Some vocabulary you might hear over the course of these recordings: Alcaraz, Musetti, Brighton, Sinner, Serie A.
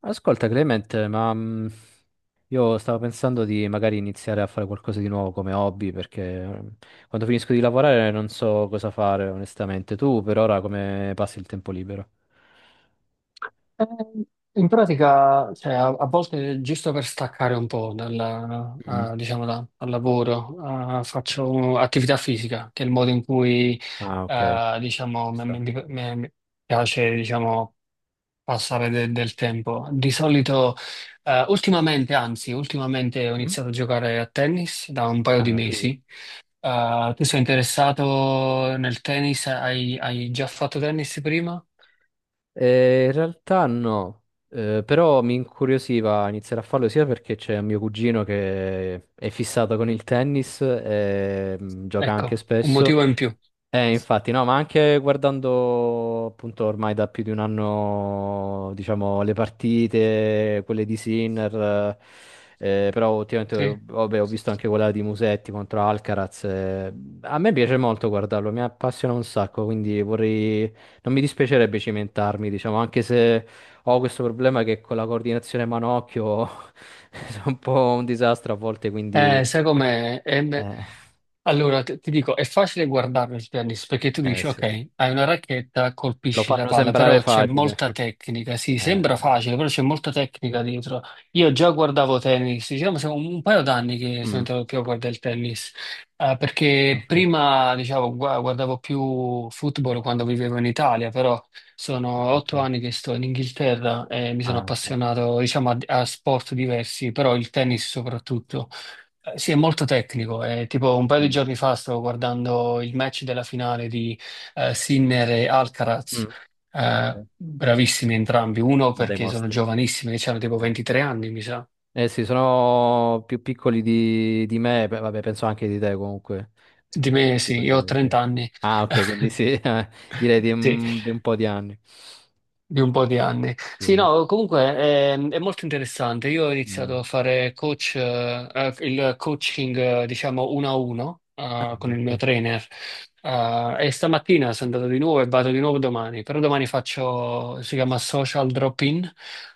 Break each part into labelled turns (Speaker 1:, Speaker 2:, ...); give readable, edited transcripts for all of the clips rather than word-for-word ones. Speaker 1: Ascolta Clement, ma io stavo pensando di magari iniziare a fare qualcosa di nuovo come hobby perché quando finisco di lavorare non so cosa fare onestamente. Tu per ora come passi il tempo libero?
Speaker 2: Eh, In pratica, a volte giusto per staccare un po' dalla-
Speaker 1: Mm.
Speaker 2: diciamo da- dal lavoro, faccio attività fisica, che è il modo in cui,
Speaker 1: Ah, ok.
Speaker 2: eh, diciamo,
Speaker 1: Ci
Speaker 2: mi,
Speaker 1: sta.
Speaker 2: mi- mi- mi piace, diciamo, passare del tempo. Di solito, ultimamente ho
Speaker 1: Mm.
Speaker 2: iniziato a giocare a tennis da un paio di
Speaker 1: Ah, figo.
Speaker 2: mesi. Tu sei interessato nel tennis? Hai già fatto tennis prima?
Speaker 1: In realtà no. Però mi incuriosiva iniziare a farlo sia perché c'è un mio cugino che è fissato con il tennis e gioca anche
Speaker 2: Ecco, un
Speaker 1: spesso.
Speaker 2: motivo in più.
Speaker 1: Infatti, no, ma anche guardando appunto ormai da più di un anno, diciamo, le partite, quelle di Sinner, però ultimamente
Speaker 2: Sì.
Speaker 1: vabbè, ho visto anche quella di Musetti contro Alcaraz. A me piace molto guardarlo, mi appassiona un sacco, quindi vorrei, non mi dispiacerebbe cimentarmi, diciamo, anche se ho questo problema che con la coordinazione manocchio sono un po' un disastro a volte, quindi
Speaker 2: Sai com'è? È me-
Speaker 1: eh,
Speaker 2: Allora, t- ti dico, è facile guardarlo il tennis perché tu dici,
Speaker 1: sì.
Speaker 2: ok, hai una racchetta,
Speaker 1: Lo
Speaker 2: colpisci la
Speaker 1: fanno
Speaker 2: palla,
Speaker 1: sembrare
Speaker 2: però c'è
Speaker 1: facile.
Speaker 2: molta tecnica. Sì,
Speaker 1: Eh.
Speaker 2: sembra facile, però c'è molta tecnica dietro. Io già guardavo tennis, diciamo, sono un paio d'anni che sono
Speaker 1: Mm,
Speaker 2: entrato più a guardare il tennis, perché
Speaker 1: ok,
Speaker 2: prima, diciamo, guardavo più football quando vivevo in Italia, però sono
Speaker 1: ah, ok,
Speaker 2: otto anni che sto in Inghilterra e mi sono
Speaker 1: ah, ok.
Speaker 2: appassionato, diciamo, a sport diversi, però il tennis soprattutto. Sì, è molto tecnico. Tipo un paio di
Speaker 1: Mm,
Speaker 2: giorni fa stavo guardando il match della finale di Sinner e
Speaker 1: mm,
Speaker 2: Alcaraz.
Speaker 1: ok.
Speaker 2: Bravissimi entrambi, uno
Speaker 1: Dei
Speaker 2: perché sono
Speaker 1: mostri.
Speaker 2: giovanissimi, che hanno tipo
Speaker 1: Eh,
Speaker 2: 23 anni, mi sa.
Speaker 1: eh sì, sono più piccoli di me, beh, vabbè, penso anche di te comunque.
Speaker 2: Di me
Speaker 1: Più
Speaker 2: sì,
Speaker 1: piccoli
Speaker 2: io ho
Speaker 1: tagli, sì.
Speaker 2: 30 anni.
Speaker 1: Ah, ok, quindi sì, direi
Speaker 2: Sì.
Speaker 1: di un po' di anni.
Speaker 2: Di un po' di anni. Sì,
Speaker 1: Sì.
Speaker 2: no, comunque è, molto interessante. Io ho iniziato
Speaker 1: Mm.
Speaker 2: a fare coach, il coaching, diciamo, uno a uno,
Speaker 1: Ah,
Speaker 2: con il mio
Speaker 1: ok,
Speaker 2: trainer. E stamattina sono andato di nuovo e vado di nuovo domani. Però domani faccio, si chiama social drop-in,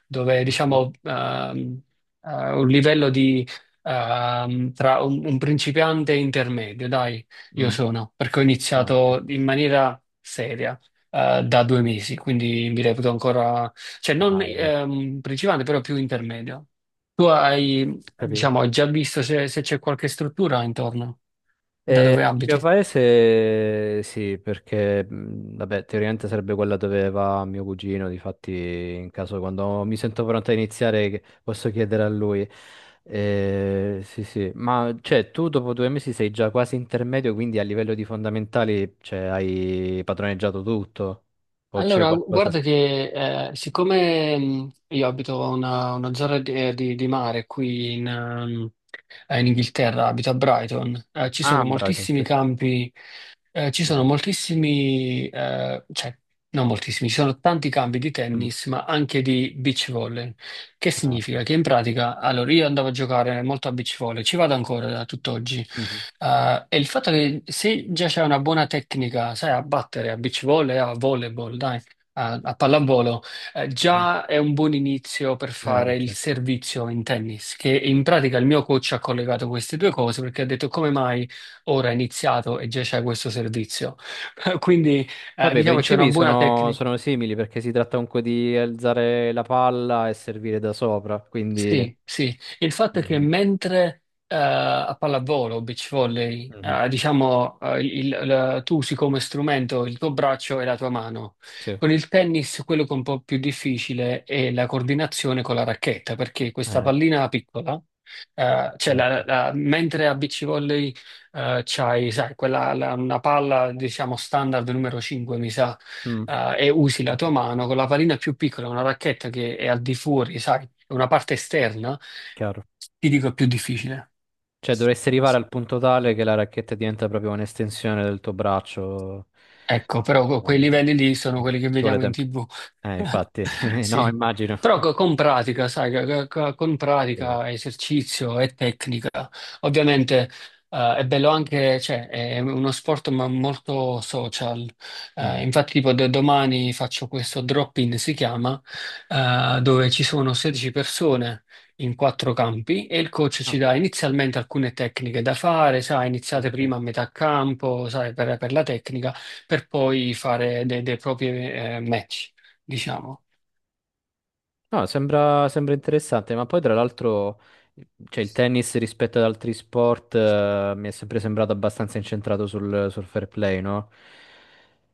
Speaker 2: dove
Speaker 1: ok.
Speaker 2: diciamo un livello di tra un principiante e intermedio, dai, io
Speaker 1: Mm.
Speaker 2: sono, perché ho
Speaker 1: Ah, ok.
Speaker 2: iniziato in maniera seria da due mesi, quindi mi reputo ancora, cioè non
Speaker 1: Ah, vabbè, ho
Speaker 2: principale, però più intermedio. Tu hai,
Speaker 1: capito?
Speaker 2: diciamo, hai già visto se c'è qualche struttura intorno, da dove
Speaker 1: Il mio
Speaker 2: abiti?
Speaker 1: paese sì, perché vabbè, teoricamente sarebbe quella dove va mio cugino, difatti in caso quando mi sento pronto a iniziare posso chiedere a lui. Sì, sì, ma cioè tu dopo 2 mesi sei già quasi intermedio, quindi a livello di fondamentali cioè, hai padroneggiato tutto o c'è
Speaker 2: Allora, guarda
Speaker 1: qualcosa?
Speaker 2: che siccome io abito una zona di, di mare qui in, in Inghilterra, abito a Brighton, ci sono
Speaker 1: Ah, bravo, sì,
Speaker 2: moltissimi
Speaker 1: sì.
Speaker 2: campi, ci sono
Speaker 1: Mhm.
Speaker 2: moltissimi, cioè non moltissimi, ci sono tanti campi di
Speaker 1: Mm.
Speaker 2: tennis, ma anche di beach volley. Che
Speaker 1: Ah,
Speaker 2: significa?
Speaker 1: ok.
Speaker 2: Che in pratica, allora io andavo a giocare molto a beach volley, ci vado ancora da tutt'oggi,
Speaker 1: Mhm.
Speaker 2: e il fatto che se già c'è una buona tecnica, sai, a battere a beach volley, a volleyball, dai, a, pallavolo,
Speaker 1: Mhm.
Speaker 2: già è un buon inizio per fare il
Speaker 1: Certo.
Speaker 2: servizio in tennis, che in pratica il mio coach ha collegato queste due cose perché ha detto come mai ora è iniziato e già c'è questo servizio. Quindi,
Speaker 1: Vabbè, i
Speaker 2: diciamo, c'è una
Speaker 1: principi
Speaker 2: buona
Speaker 1: sono,
Speaker 2: tecnica.
Speaker 1: sono simili perché si tratta comunque di alzare la palla e servire da sopra, quindi...
Speaker 2: Sì, sì, il fatto è che
Speaker 1: Mhm.
Speaker 2: mentre a pallavolo, beach volley,
Speaker 1: Mhm.
Speaker 2: tu usi come strumento il tuo braccio e la tua mano.
Speaker 1: Sì,
Speaker 2: Con il tennis, quello che è un po' più difficile è la coordinazione con la racchetta, perché questa
Speaker 1: eh,
Speaker 2: pallina piccola,
Speaker 1: certo.
Speaker 2: mentre a beach volley c'hai, sai, quella, una palla, diciamo, standard numero 5, mi sa,
Speaker 1: Mm,
Speaker 2: e usi la
Speaker 1: ok,
Speaker 2: tua mano con la pallina più piccola, una racchetta che è al di fuori, sai, è una parte esterna,
Speaker 1: chiaro.
Speaker 2: ti dico è più difficile.
Speaker 1: Cioè, dovresti arrivare al punto tale che la racchetta diventa proprio un'estensione del tuo braccio.
Speaker 2: Ecco, però
Speaker 1: Eh,
Speaker 2: quei livelli lì sono quelli che
Speaker 1: Ci vuole
Speaker 2: vediamo in
Speaker 1: tempo.
Speaker 2: TV.
Speaker 1: Infatti, no,
Speaker 2: Sì.
Speaker 1: immagino.
Speaker 2: Però co- con pratica, sai, co- co- con
Speaker 1: Sì.
Speaker 2: pratica, esercizio e tecnica. Ovviamente è bello anche, cioè, è uno sport ma molto social.
Speaker 1: Mm.
Speaker 2: Infatti, tipo, domani faccio questo drop-in, si chiama, dove ci sono 16 persone in quattro campi e il coach ci
Speaker 1: Ah,
Speaker 2: dà inizialmente alcune tecniche da fare, sai, iniziate
Speaker 1: ok.
Speaker 2: prima a metà campo, sai, per la tecnica per poi fare dei propri match, diciamo.
Speaker 1: No, sembra, sembra interessante, ma poi tra l'altro, cioè, il tennis rispetto ad altri sport, mi è sempre sembrato abbastanza incentrato sul, sul fair play, no?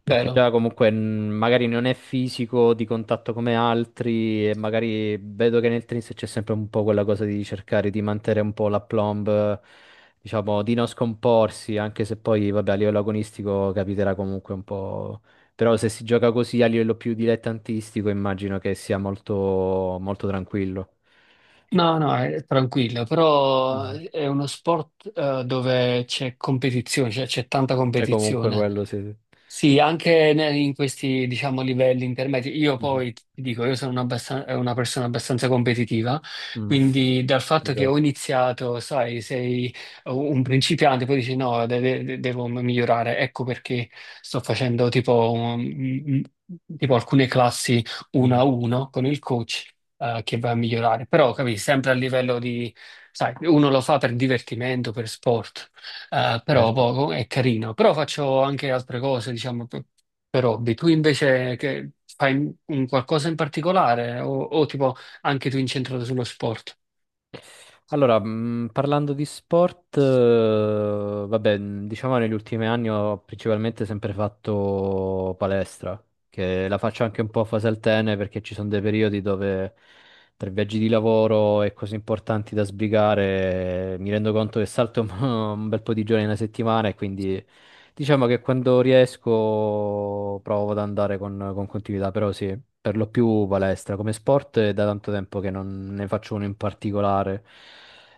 Speaker 1: Perché
Speaker 2: Vero?
Speaker 1: già comunque magari non è fisico di contatto come altri e magari vedo che nel tennis c'è sempre un po' quella cosa di cercare di mantenere un po' la plomb, diciamo, di non scomporsi, anche se poi, vabbè, a livello agonistico capiterà comunque un po'. Però se si gioca così a livello più dilettantistico, immagino che sia molto, molto tranquillo.
Speaker 2: No, no, è tranquillo, però
Speaker 1: Mhm,
Speaker 2: è uno sport dove c'è competizione, cioè c'è tanta
Speaker 1: cioè, comunque
Speaker 2: competizione.
Speaker 1: quello sì.
Speaker 2: Sì, anche in questi, diciamo, livelli intermedi. Io
Speaker 1: Mhm.
Speaker 2: poi ti dico, io sono una persona abbastanza competitiva,
Speaker 1: Mm,
Speaker 2: quindi dal fatto che
Speaker 1: vedo.
Speaker 2: ho iniziato, sai, sei un principiante, poi dici no, devo migliorare. Ecco perché sto facendo tipo, tipo alcune classi uno
Speaker 1: Mm,
Speaker 2: a uno con il coach, che va a migliorare. Però, capisci, sempre a livello di, sai, uno lo fa per divertimento, per sport. Però
Speaker 1: certo.
Speaker 2: poco è carino, però faccio anche altre cose, diciamo, per hobby. Tu invece che fai un qualcosa in particolare o tipo anche tu incentrato sullo sport?
Speaker 1: Allora, parlando di sport, vabbè, diciamo negli ultimi anni ho principalmente sempre fatto palestra, che la faccio anche un po' a fase alterne perché ci sono dei periodi dove tra viaggi di lavoro e cose importanti da sbrigare, mi rendo conto che salto un un bel po' di giorni in una settimana e quindi diciamo che quando riesco provo ad andare con continuità, però sì, per lo più palestra. Come sport è da tanto tempo che non ne faccio uno in particolare.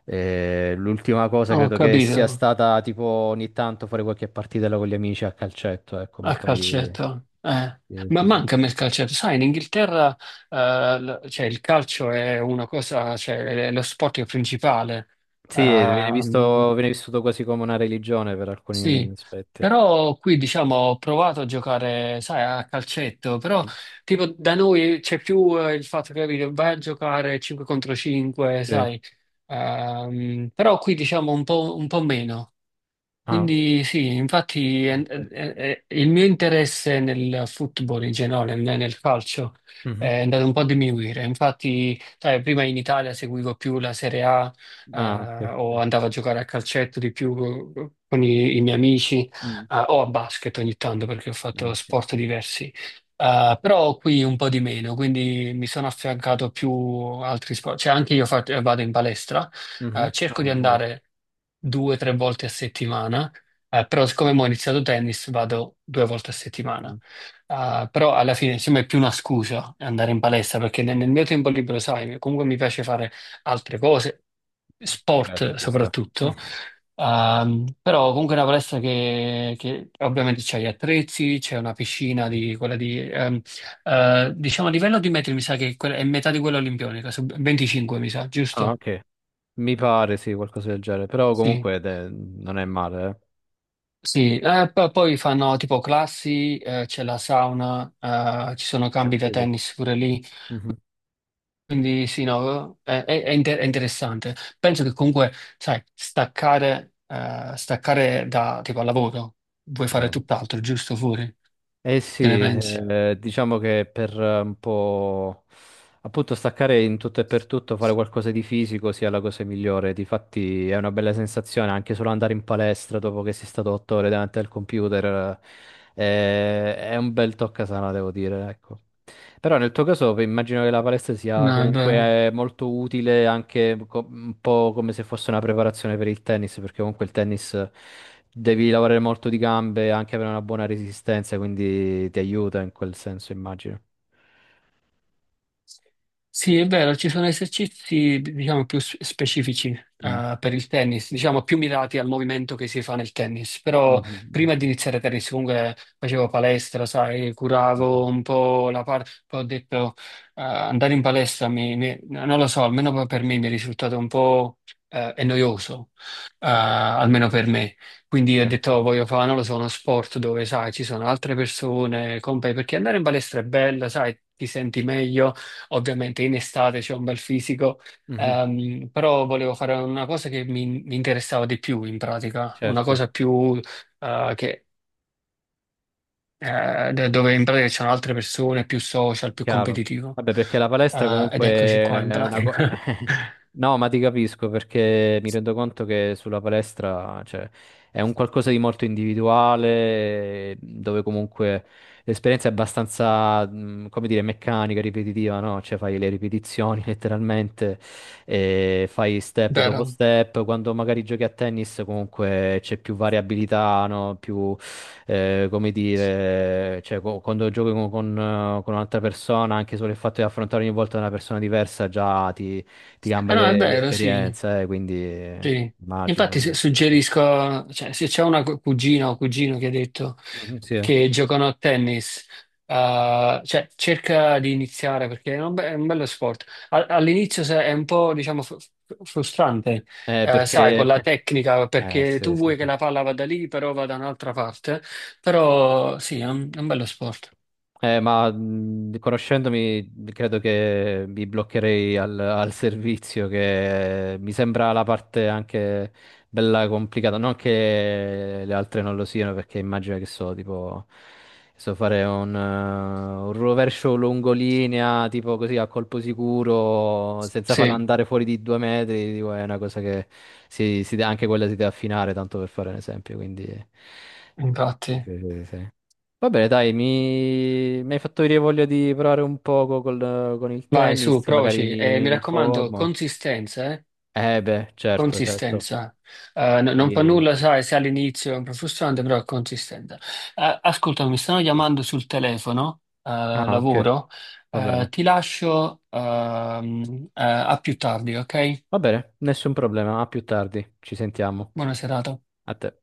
Speaker 1: L'ultima cosa
Speaker 2: Ho
Speaker 1: credo che sia
Speaker 2: capito,
Speaker 1: stata tipo ogni tanto fare qualche partitella con gli amici a calcetto, ecco, ma
Speaker 2: a
Speaker 1: poi...
Speaker 2: calcetto. Eh.
Speaker 1: Sì,
Speaker 2: Ma
Speaker 1: sì, sì.
Speaker 2: manca a me il calcetto. Sai, in Inghilterra cioè, il calcio è una cosa, cioè, è lo sport principale.
Speaker 1: Sì, viene
Speaker 2: Ehm,
Speaker 1: visto, viene vissuto quasi come una religione per alcuni
Speaker 2: Sì,
Speaker 1: aspetti.
Speaker 2: però qui diciamo ho provato a giocare, sai, a calcetto, però
Speaker 1: Mm.
Speaker 2: tipo da noi c'è più il fatto che capito, vai a giocare 5 contro 5,
Speaker 1: Sì.
Speaker 2: sai, però qui diciamo un po' meno.
Speaker 1: Ah,
Speaker 2: Quindi sì, infatti
Speaker 1: ok.
Speaker 2: il mio interesse nel football in generale, nel calcio,
Speaker 1: Mhm.
Speaker 2: è andato un po' a diminuire. Infatti, sai, prima in Italia seguivo più la Serie A,
Speaker 1: Ah, ok. Sì,
Speaker 2: o
Speaker 1: sì.
Speaker 2: andavo a giocare a calcetto di più con i miei amici,
Speaker 1: Mm.
Speaker 2: o a basket ogni tanto perché ho
Speaker 1: Ah,
Speaker 2: fatto
Speaker 1: ok.
Speaker 2: sport diversi. Però qui un po' di meno, quindi mi sono affiancato più altri sport. Cioè, anche io vado in palestra
Speaker 1: Mhm.
Speaker 2: cerco di
Speaker 1: Ah, pure.
Speaker 2: andare due o tre volte a settimana, però siccome mo ho iniziato tennis vado due volte a settimana.
Speaker 1: Mm.
Speaker 2: Però alla fine insomma è più una scusa andare in palestra perché nel, nel mio tempo libero, sai, comunque mi piace fare altre cose,
Speaker 1: Certo,
Speaker 2: sport
Speaker 1: ci sta.
Speaker 2: soprattutto. Però comunque è una palestra che ovviamente c'è gli attrezzi, c'è una piscina
Speaker 1: Mhm.
Speaker 2: di quella di diciamo a livello di metri mi sa che è metà di quella olimpionica, 25 mi sa,
Speaker 1: Ah,
Speaker 2: giusto?
Speaker 1: ok. Mi pare, sì, qualcosa del genere. Però
Speaker 2: Sì.
Speaker 1: comunque non è male,
Speaker 2: Sì, poi fanno tipo classi, c'è la sauna, ci sono
Speaker 1: eh. Ah,
Speaker 2: campi da
Speaker 1: figo.
Speaker 2: tennis pure lì,
Speaker 1: Mhm.
Speaker 2: quindi sì, no, è, è interessante. Penso che comunque, sai, staccare, staccare da tipo al lavoro, vuoi fare
Speaker 1: Eh.
Speaker 2: tutt'altro, giusto fuori?
Speaker 1: Eh
Speaker 2: Che ne
Speaker 1: sì,
Speaker 2: pensi?
Speaker 1: diciamo che per un po'. Appunto, staccare in tutto e per tutto, fare qualcosa di fisico sia la cosa migliore. Difatti è una bella sensazione anche solo andare in palestra dopo che sei stato 8 ore davanti al computer. È un bel toccasana, devo dire, ecco. Però nel tuo caso beh, immagino che la palestra sia
Speaker 2: No, è vero.
Speaker 1: comunque molto utile anche un po' come se fosse una preparazione per il tennis, perché comunque il tennis devi lavorare molto di gambe e anche avere una buona resistenza, quindi ti aiuta in quel senso, immagino.
Speaker 2: Sì, è vero, ci sono esercizi, diciamo, più specifici,
Speaker 1: Mm.
Speaker 2: per il tennis, diciamo, più mirati al movimento che si fa nel tennis. Però
Speaker 1: Mhm.
Speaker 2: prima di iniziare tennis, comunque facevo palestra, sai, curavo
Speaker 1: Mhm.
Speaker 2: un po' la parte, poi ho detto, andare in palestra, non lo so, almeno per me mi è risultato un po', è noioso,
Speaker 1: Mhm.
Speaker 2: almeno per me. Quindi ho detto,
Speaker 1: Certo.
Speaker 2: "Oh, voglio fare, non lo so, uno sport dove, sai, ci sono altre persone, compagni, perché andare in palestra è bello, sai, ti senti meglio." Ovviamente in estate c'è un bel fisico,
Speaker 1: Mhm,
Speaker 2: però volevo fare una cosa che mi interessava di più in pratica, una
Speaker 1: certo,
Speaker 2: cosa più eh, che, dove in pratica ci sono altre persone, più social, più
Speaker 1: chiaro.
Speaker 2: competitivo.
Speaker 1: Vabbè, perché la palestra
Speaker 2: Ed
Speaker 1: comunque
Speaker 2: eccoci qua in
Speaker 1: è una cosa.
Speaker 2: pratica.
Speaker 1: No, ma ti capisco perché mi rendo conto che sulla palestra, cioè, è un qualcosa di molto individuale, dove comunque l'esperienza è abbastanza, come dire, meccanica, ripetitiva, no? Cioè fai le ripetizioni letteralmente, e fai step dopo
Speaker 2: Vero?
Speaker 1: step. Quando magari giochi a tennis comunque c'è più variabilità, no? Come dire, cioè, quando giochi con un'altra persona, anche solo il fatto di affrontare ogni volta una persona diversa già ti
Speaker 2: Eh
Speaker 1: cambia
Speaker 2: no, è
Speaker 1: le
Speaker 2: vero, sì.
Speaker 1: esperienze, quindi
Speaker 2: Sì. Infatti
Speaker 1: immagino. Eh.
Speaker 2: suggerisco, cioè, se c'è una cugina o cugino che ha detto
Speaker 1: Mm, sì.
Speaker 2: che giocano a tennis, cioè, cerca di iniziare perché è un, è un bello sport. All'inizio è un po', diciamo, frustrante, sai, con
Speaker 1: Perché...
Speaker 2: la tecnica, perché tu
Speaker 1: Sì, sì,
Speaker 2: vuoi che
Speaker 1: sì.
Speaker 2: la palla vada lì, però va da un'altra parte. Però sì, è un bello sport.
Speaker 1: Ma conoscendomi, credo che mi bloccherei al, al servizio, che mi sembra la parte anche bella complicata. Non che le altre non lo siano, perché immagino che so, tipo, so fare un rovescio lungolinea, tipo così a colpo sicuro, senza farla
Speaker 2: Sì,
Speaker 1: andare fuori di 2 metri. Dico, è una cosa che anche quella si deve affinare, tanto per fare un esempio. Quindi. Sì,
Speaker 2: infatti.
Speaker 1: sì, sì, sì. Va bene, dai, mi... mi hai fatto venire voglia di provare un poco con il
Speaker 2: Vai, su,
Speaker 1: tennis, magari
Speaker 2: provaci.
Speaker 1: mi,
Speaker 2: E mi
Speaker 1: mi
Speaker 2: raccomando,
Speaker 1: informo.
Speaker 2: consistenza, eh.
Speaker 1: Eh beh, certo, certo.
Speaker 2: Consistenza. Non fa
Speaker 1: Yay.
Speaker 2: nulla, sai, se all'inizio è un po' frustrante, però è consistente. Ascolta, mi stanno
Speaker 1: Sì.
Speaker 2: chiamando sul telefono,
Speaker 1: Ah, ok,
Speaker 2: lavoro.
Speaker 1: va bene.
Speaker 2: Ti lascio, a più tardi, ok?
Speaker 1: Va bene, nessun problema, a più tardi, ci sentiamo.
Speaker 2: Buona serata.
Speaker 1: A te.